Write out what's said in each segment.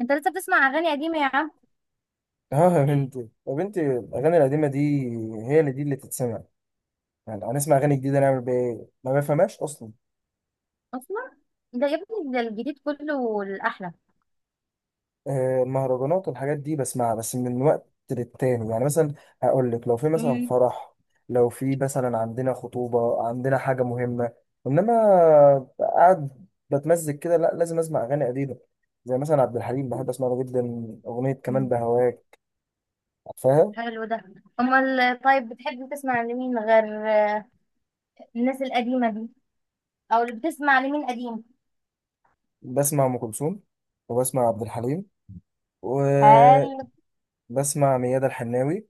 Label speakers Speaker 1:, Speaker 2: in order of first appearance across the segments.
Speaker 1: انت لسه بتسمع اغاني قديمه يا عم؟
Speaker 2: اه يا بنتي، يا بنتي الاغاني القديمه دي هي اللي تتسمع. يعني هنسمع اغاني جديده نعمل بيها ايه؟ ما بفهمهاش اصلا.
Speaker 1: اصلا. ده يا ابني، ده الجديد كله الاحلى.
Speaker 2: المهرجانات والحاجات دي بسمعها بس من وقت للتاني، يعني مثلا هقول لك لو في مثلا
Speaker 1: امم.
Speaker 2: فرح، لو في مثلا عندنا خطوبه، عندنا حاجه مهمه. انما قاعد بتمزج كده، لا، لازم اسمع اغاني قديمه. زي مثلا عبد الحليم بحب اسمع له جدا. اغنيه كمان
Speaker 1: أمم.
Speaker 2: بهواك، عارفاها؟
Speaker 1: حلو ده. امال طيب، بتحب تسمع لمين غير الناس القديمه دي؟ او اللي بتسمع لمين قديم؟
Speaker 2: بسمع ام كلثوم، وبسمع عبد الحليم، و
Speaker 1: هل
Speaker 2: بسمع ميادة الحناوي.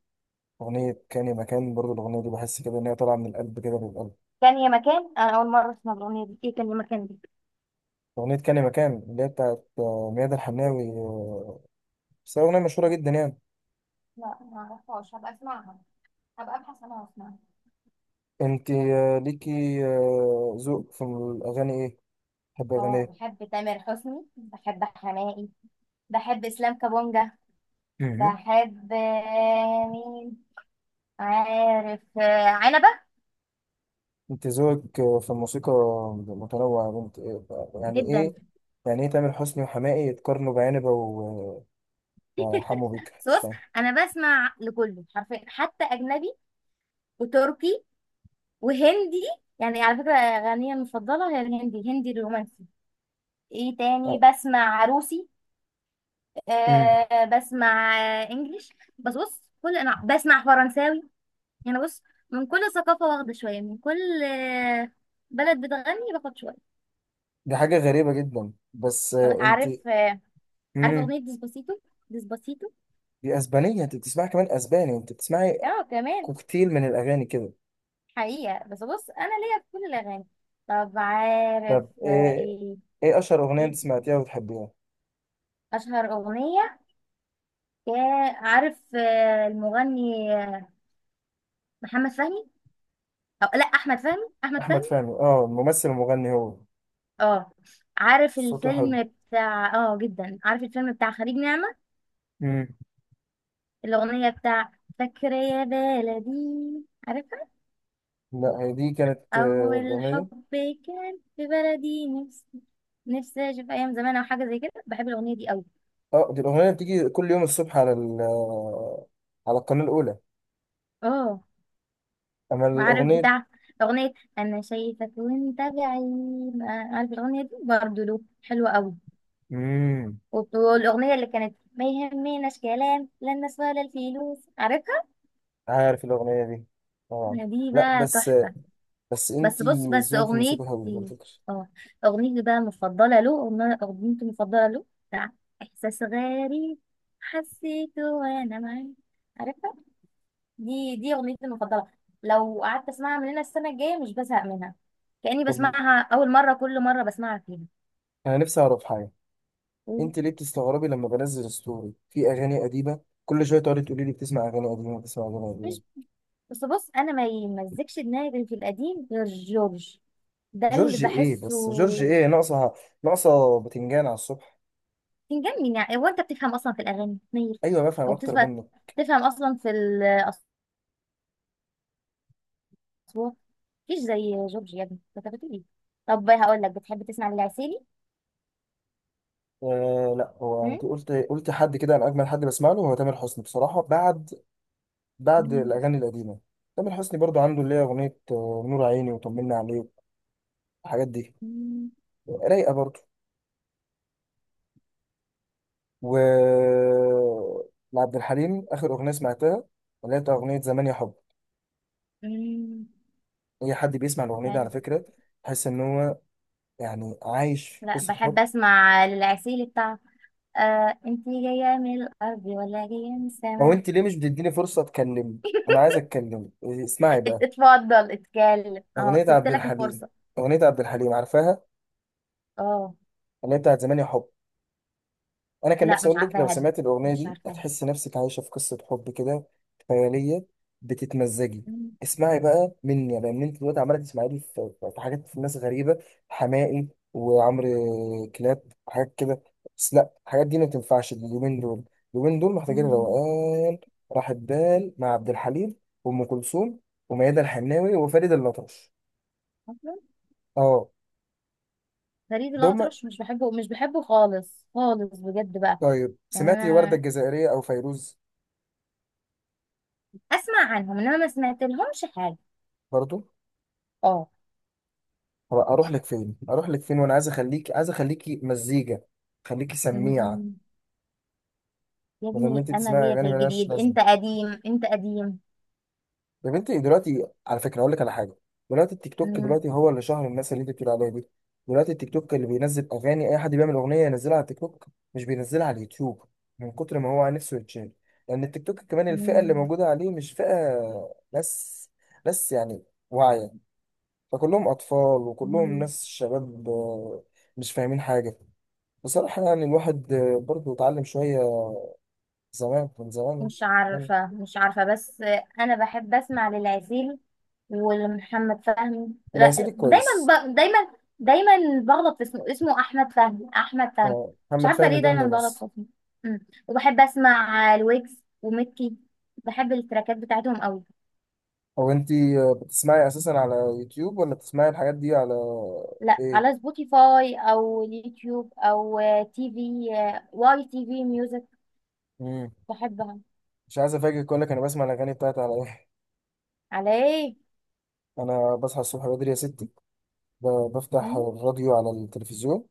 Speaker 2: أغنية كاني مكان برضو، الأغنية دي بحس كده إن هي طالعة من القلب كده للقلب.
Speaker 1: كان يا مكان، انا اول مره اسمع الاغنيه دي، ايه كان يا مكان دي؟
Speaker 2: أغنية كاني مكان اللي هي بتاعت ميادة الحناوي بس هي أغنية مشهورة
Speaker 1: لا،
Speaker 2: جدا يعني.
Speaker 1: لا، ما اعرفهاش، هبقى اسمعها. هبقى ابحث عنها واسمعها.
Speaker 2: أنت ليكي ذوق في الأغاني إيه؟ تحب أغاني
Speaker 1: اه،
Speaker 2: إيه؟
Speaker 1: بحب تامر حسني، بحب حماقي، بحب اسلام كابونجا،
Speaker 2: مهم.
Speaker 1: بحب مين، عارف عنبه.
Speaker 2: أنت ذوقك في الموسيقى متنوع يا بنت، إيه بقى؟ يعني
Speaker 1: جدا.
Speaker 2: إيه؟ يعني إيه تامر حسني وحماقي يتقارنوا بعنبة وحمو بيكا؟
Speaker 1: بس
Speaker 2: مش
Speaker 1: بص،
Speaker 2: فاهم.
Speaker 1: انا بسمع لكله حرفيا، حتى اجنبي وتركي وهندي. يعني على فكره، اغانيه المفضله هي الهندي، الهندي الرومانسي. ايه تاني؟
Speaker 2: آه،
Speaker 1: بسمع روسي.
Speaker 2: مم.
Speaker 1: بسمع انجليش. بس بص، كل انا بسمع فرنساوي. يعني بص، من كل ثقافه واخده شويه، من كل بلد بتغني باخد شويه.
Speaker 2: دي حاجة غريبة جدا، بس
Speaker 1: انا
Speaker 2: أنت...
Speaker 1: عارف، عارف اغنيه ديسباسيتو. ديسباسيتو.
Speaker 2: دي اسبانيه، انت بتسمعي كمان اسباني؟ انت بتسمعي
Speaker 1: اه كمان.
Speaker 2: كوكتيل من الاغاني كده.
Speaker 1: حقيقه، بس بص، انا ليا في كل الاغاني. طب عارف
Speaker 2: طب ايه؟
Speaker 1: ايه؟
Speaker 2: ايه اشهر اغنيه
Speaker 1: إيه؟
Speaker 2: انت سمعتيها وبتحبيها؟
Speaker 1: اشهر اغنيه. يا عارف المغني محمد فهمي، أو لا، احمد فهمي، احمد
Speaker 2: احمد
Speaker 1: فهمي.
Speaker 2: فهمي، اه ممثل ومغني هو.
Speaker 1: اه، عارف
Speaker 2: صوته حلو،
Speaker 1: الفيلم بتاع جدا، عارف الفيلم بتاع خليج نعمة؟
Speaker 2: امم.
Speaker 1: الاغنيه بتاع فاكرة يا بلدي، عارفها؟
Speaker 2: لا هي دي كانت
Speaker 1: اول
Speaker 2: الاغنيه
Speaker 1: حب،
Speaker 2: دي.
Speaker 1: كان في بلدي، نفسي. نفسي اشوف ايام زمان او حاجه زي كده، بحب الاغنيه دي قوي.
Speaker 2: اه دي الاغنيه اللي بتيجي كل يوم الصبح على ال على القناه الاولى.
Speaker 1: اه،
Speaker 2: اما
Speaker 1: وعارف
Speaker 2: الاغنيه...
Speaker 1: بتاع اغنيه انا شايفك وانت بعيد؟ عارف الاغنيه دي برضه له حلوه قوي.
Speaker 2: امم.
Speaker 1: والأغنية اللي كانت ما يهمناش كلام لا الناس ولا الفلوس، عارفها؟
Speaker 2: عارف الاغنيه دي، طبعا.
Speaker 1: دي
Speaker 2: لا
Speaker 1: بقى
Speaker 2: بس،
Speaker 1: تحفة.
Speaker 2: بس انت
Speaker 1: بس بص، بس
Speaker 2: ذوقك في الموسيقى حلو على
Speaker 1: أغنيتي.
Speaker 2: فكره.
Speaker 1: اه، أغنيتي بقى المفضلة له، أغنيتي المفضلة له بتاع إحساس غريب، حسيته وأنا معاك، عارفها؟ دي أغنيتي المفضلة. لو قعدت أسمعها من هنا السنة الجاية مش بزهق منها. كأني
Speaker 2: طب
Speaker 1: بسمعها أول مرة كل مرة بسمعها فيها.
Speaker 2: انا نفسي اعرف حاجه، انت ليه بتستغربي لما بنزل ستوري في اغاني قديمه؟ كل شويه تقعدي تقولي لي بتسمع اغاني قديمه، بتسمع اغاني قديمه.
Speaker 1: مش بس بص، أنا ما يمزكش دماغي في القديم غير جورج، ده اللي
Speaker 2: جورج ايه
Speaker 1: بحسه.
Speaker 2: بس؟ جورج ايه؟ ناقصه، ناقصه باتنجان على الصبح.
Speaker 1: بيجنن. يعني هو انت بتفهم اصلا في الاغاني منير؟
Speaker 2: ايوه، بفهم
Speaker 1: او
Speaker 2: اكتر
Speaker 1: بتفهم،
Speaker 2: منك.
Speaker 1: بتفهم اصلا في الاصوات؟ مفيش زي جورج، يا ابني انت بتقول ايه؟ طب هقول لك، بتحب تسمع للعسيلي؟
Speaker 2: آه لا، هو
Speaker 1: هم؟
Speaker 2: انت قلت حد كده، انا اجمل حد بسمع له هو تامر حسني بصراحه، بعد، بعد
Speaker 1: مم.
Speaker 2: الاغاني القديمه. تامر حسني برضو عنده اللي هي اغنيه نور عيني وطمنا عليك، الحاجات دي
Speaker 1: مم.
Speaker 2: رايقه برضو. و لعبد الحليم اخر اغنيه سمعتها اللي هي بتاع اغنيه زمان يا حب.
Speaker 1: مم.
Speaker 2: اي حد بيسمع الاغنيه دي على
Speaker 1: حلو.
Speaker 2: فكره تحس ان هو يعني عايش في
Speaker 1: لا،
Speaker 2: قصه
Speaker 1: بحب
Speaker 2: حب.
Speaker 1: اسمع للعسيلي بتاع انت جايه من الارض ولا جايه من
Speaker 2: هو
Speaker 1: السماء.
Speaker 2: انت ليه مش بتديني فرصه اتكلم؟ انا عايز اتكلم. إيه، اسمعي بقى.
Speaker 1: اتفضل اتكلم، اهو
Speaker 2: اغنيه
Speaker 1: سبت
Speaker 2: عبد
Speaker 1: لك
Speaker 2: الحليم،
Speaker 1: الفرصه.
Speaker 2: اغنيه عبد الحليم عارفاها؟
Speaker 1: اه.
Speaker 2: اللي هي بتاعت زمان يا حب. انا كان
Speaker 1: لا،
Speaker 2: نفسي
Speaker 1: مش
Speaker 2: اقول لك لو
Speaker 1: عارفاها دي،
Speaker 2: سمعت الاغنيه
Speaker 1: مش
Speaker 2: دي
Speaker 1: عارفاها.
Speaker 2: هتحس نفسك عايشه في قصه حب كده، خياليه، بتتمزجي.
Speaker 1: مم.
Speaker 2: اسمعي بقى مني، لان انت دلوقتي عماله تسمعي لي في حاجات، في ناس غريبه، حماقي وعمرو كلاب، حاجات كده. بس لا، الحاجات دي ما تنفعش اليومين دول. اليومين دول محتاجين
Speaker 1: مم.
Speaker 2: روقان، راحه بال مع عبد الحليم وام كلثوم وميادة الحناوي وفريد الأطرش، اه.
Speaker 1: فريد
Speaker 2: دول،
Speaker 1: الأطرش، مش بحبه، مش بحبه، خالص خالص، بجد بقى.
Speaker 2: طيب
Speaker 1: يعني
Speaker 2: سمعتي وردة
Speaker 1: أنا
Speaker 2: الجزائرية أو فيروز؟
Speaker 1: أسمع عنهم إنما ما سمعت لهمش حاجة.
Speaker 2: برضو.
Speaker 1: اه.
Speaker 2: هو اروح لك فين؟ اروح لك فين وانا عايز اخليك، عايز اخليكي مزيكا، خليكي سميعه؟
Speaker 1: أمم. يا
Speaker 2: بدل ما
Speaker 1: ابني
Speaker 2: انت
Speaker 1: أنا
Speaker 2: تسمعي
Speaker 1: ليا في
Speaker 2: اغاني ملهاش
Speaker 1: الجديد،
Speaker 2: لازمه.
Speaker 1: أنت قديم، أنت قديم.
Speaker 2: يا بنتي دلوقتي على فكره اقول لك على حاجه، دلوقتي التيك توك،
Speaker 1: أمم.
Speaker 2: دلوقتي هو اللي شهر الناس اللي انت بتقول عليها دي. دلوقتي التيك توك اللي بينزل اغاني، اي حد بيعمل اغنيه ينزلها على التيك توك، مش بينزلها على اليوتيوب، من كتر ما هو نفسه يتشال. لان التيك توك كمان الفئه اللي
Speaker 1: أمم.
Speaker 2: موجوده عليه مش فئه ناس، ناس يعني واعيه. فكلهم اطفال وكلهم
Speaker 1: أمم.
Speaker 2: ناس شباب مش فاهمين حاجه. بصراحة يعني الواحد برضه اتعلم شوية زمان من زمان،
Speaker 1: مش
Speaker 2: يعني.
Speaker 1: عارفة، مش عارفة، بس أنا بحب أسمع للعسيل ولمحمد فهمي،
Speaker 2: والهسيلي
Speaker 1: لا دايما.
Speaker 2: كويس.
Speaker 1: دايما، دايما، بغلط في اسمه، اسمه أحمد فهمي، أحمد فهمي. مش
Speaker 2: محمد
Speaker 1: عارفة
Speaker 2: فهمي
Speaker 1: ليه
Speaker 2: ده
Speaker 1: دايما بغلط
Speaker 2: الممثل.
Speaker 1: في اسمه. أمم. وبحب أسمع الويجز وميكي، بحب التراكات بتاعتهم قوي.
Speaker 2: هو انت بتسمعي اساسا على يوتيوب ولا بتسمعي الحاجات دي على
Speaker 1: لا، على
Speaker 2: ايه؟
Speaker 1: سبوتيفاي أو اليوتيوب أو تي في، واي تي في ميوزك،
Speaker 2: مم.
Speaker 1: بحبها.
Speaker 2: مش عايز افاجئك، اقول لك انا بسمع الاغاني بتاعتي على ايه؟
Speaker 1: على إيه؟
Speaker 2: انا بصحى الصبح بدري يا ستي، بفتح
Speaker 1: أمم.
Speaker 2: الراديو على التلفزيون،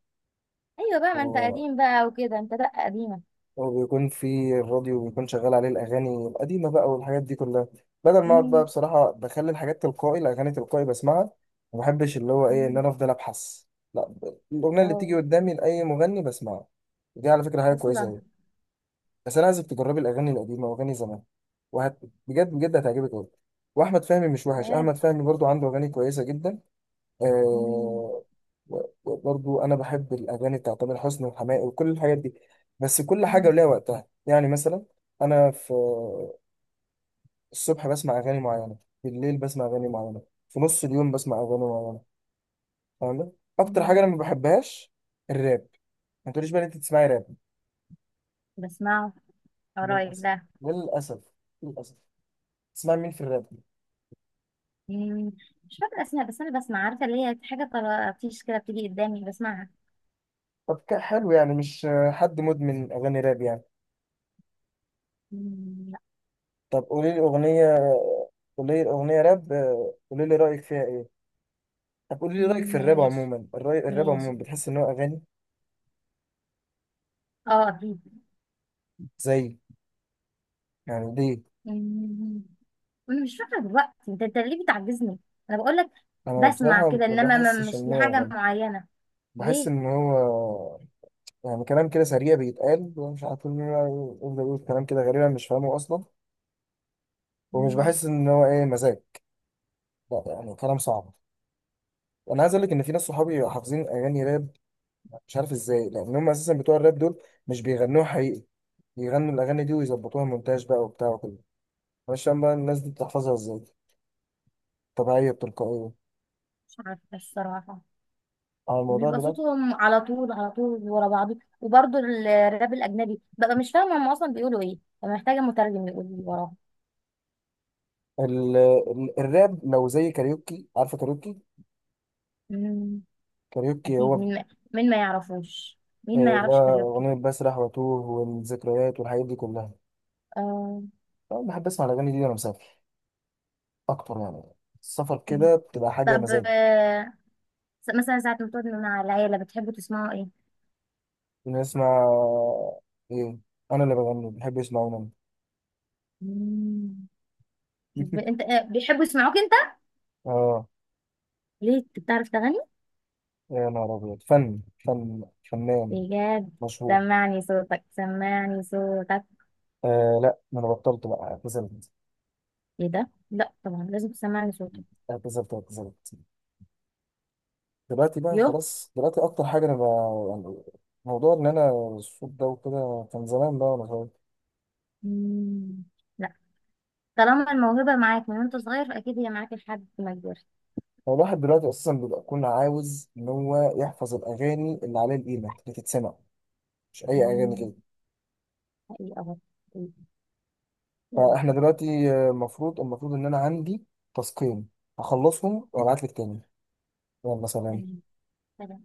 Speaker 1: أيوة بقى، ما أنت قديم بقى وكده، أنت لأ، قديمة.
Speaker 2: وبيكون في الراديو بيكون شغال عليه الأغاني القديمة بقى والحاجات دي كلها. بدل ما أقعد بقى بصراحة بخلي الحاجات تلقائي، الأغاني تلقائي بسمعها. ما بحبش اللي هو إيه إن
Speaker 1: أمم.
Speaker 2: أنا أفضل أبحث، لا، الأغنية اللي
Speaker 1: واو.
Speaker 2: بتيجي قدامي لأي مغني بسمعها. دي على فكرة حاجة كويسة
Speaker 1: اصلا.
Speaker 2: أوي. بس أنا عايزك تجربي الأغاني القديمة وأغاني زمان، وهت بجد بجد هتعجبك أوي. وأحمد فهمي مش وحش،
Speaker 1: ياه.
Speaker 2: أحمد فهمي برضو عنده أغاني كويسة جدا،
Speaker 1: مم.
Speaker 2: آه. وبرضو انا بحب الاغاني بتاعت تامر حسني وحماقي وكل الحاجات دي. بس كل حاجه
Speaker 1: مم.
Speaker 2: وليها وقتها، يعني مثلا انا في الصبح بسمع اغاني معينه، بالليل بسمع اغاني معينه، في نص اليوم بسمع اغاني معينه، فاهم؟ اكتر حاجه انا
Speaker 1: مم.
Speaker 2: ما بحبهاش الراب. ما تقوليش بقى إن انت تسمعي راب.
Speaker 1: بسمعه، قرايب
Speaker 2: للاسف،
Speaker 1: ده.
Speaker 2: للاسف، للاسف. تسمعي مين في الراب؟
Speaker 1: مم. مش فاكره اسمها، بس انا بسمع، عارفه اللي هي حاجه طرطيش كده بتيجي قدامي بسمعها.
Speaker 2: طب حلو يعني، مش حد مدمن اغاني راب يعني.
Speaker 1: مم. لا.
Speaker 2: طب قولي لي اغنيه، قولي لي اغنيه راب، قولي لي رايك فيها ايه. طب قولي لي رأيك في
Speaker 1: مم.
Speaker 2: الراب
Speaker 1: ماشي.
Speaker 2: عموما، الرأي الراب
Speaker 1: ماشي.
Speaker 2: عموما بتحس إن هو أغاني
Speaker 1: اه، اكيد.
Speaker 2: زي... يعني ليه؟
Speaker 1: مم. انا مش فاكره دلوقتي، انت ليه بتعجزني؟ انا بقول لك
Speaker 2: أنا
Speaker 1: بسمع
Speaker 2: بصراحة
Speaker 1: كده،
Speaker 2: ما
Speaker 1: انما ما
Speaker 2: بحسش
Speaker 1: مش
Speaker 2: إن هو
Speaker 1: لحاجه
Speaker 2: أغاني.
Speaker 1: معينه.
Speaker 2: بحس
Speaker 1: ليه.
Speaker 2: إن هو يعني كلام كده سريع بيتقال، ومش عارف مين يقعد يقول كلام كده غريبا مش فاهمه أصلا. ومش
Speaker 1: مم.
Speaker 2: بحس إن هو إيه، مزاج. لا يعني كلام صعب. أنا عايز أقول لك إن في ناس صحابي حافظين أغاني راب، مش عارف إزاي، لأن هم أساسا بتوع الراب دول مش بيغنوها حقيقي، بيغنوا الأغاني دي ويظبطوها مونتاج بقى وبتاع وكده. مش فاهم بقى الناس دي بتحفظها إزاي، طبيعية بتلقائية،
Speaker 1: مش عارفه الصراحه.
Speaker 2: على الموضوع
Speaker 1: بيبقى
Speaker 2: ده.
Speaker 1: صوتهم على طول على طول ورا بعضه، وبرضه الراب الاجنبي ببقى مش فاهمه هم اصلا بيقولوا ايه، ببقى محتاجه مترجم يقول لي وراهم.
Speaker 2: الراب لو زي كاريوكي، عارفه كاريوكي؟
Speaker 1: مم.
Speaker 2: كاريوكي هو
Speaker 1: اكيد، مين ما يعرفوش مين ما يعرفش
Speaker 2: لا،
Speaker 1: كاريوكي.
Speaker 2: اغنيه بسرح واتوه والذكريات والحاجات دي كلها.
Speaker 1: آه.
Speaker 2: انا بحب اسمع الاغاني دي وانا مسافر اكتر، يعني السفر
Speaker 1: مم.
Speaker 2: كده بتبقى حاجه
Speaker 1: طب
Speaker 2: مزاج.
Speaker 1: مثلا ساعه ما تقعدوا مع العيله بتحبوا تسمعوا ايه؟
Speaker 2: إني اسمع ايه؟ انا اللي بغني، بحب اسمع انا.
Speaker 1: مم. انت بيحبوا يسمعوك انت؟
Speaker 2: اه
Speaker 1: ليه انت بتعرف تغني؟
Speaker 2: يا نهار ابيض، فن فن فنان
Speaker 1: بجد؟
Speaker 2: مشهور.
Speaker 1: سمعني صوتك، سمعني صوتك.
Speaker 2: آه لا، ما انا بطلت بقى، اعتزلت،
Speaker 1: ايه ده، لا طبعا، لازم تسمعني صوتك.
Speaker 2: اعتزلت، اعتزلت. دلوقتي بقى
Speaker 1: يو.
Speaker 2: خلاص، دلوقتي اكتر حاجه انا بقى يعني موضوع ان انا الصوت ده وكده كان زمان بقى وانا صغير.
Speaker 1: مم. طالما الموهبة معاك من وانت صغير فأكيد هي معاك لحد ما كبرت.
Speaker 2: هو الواحد دلوقتي اساسا بيبقى كل عاوز ان هو يحفظ الاغاني اللي عليها القيمه اللي تتسمع، مش اي اغاني
Speaker 1: مم.
Speaker 2: كده.
Speaker 1: حقيقة برضه. حقيقة.
Speaker 2: فاحنا
Speaker 1: يلا.
Speaker 2: دلوقتي المفروض ان انا عندي تاسكين، هخلصهم وابعت لك تاني. يلا سلام.
Speaker 1: تمام. سلام.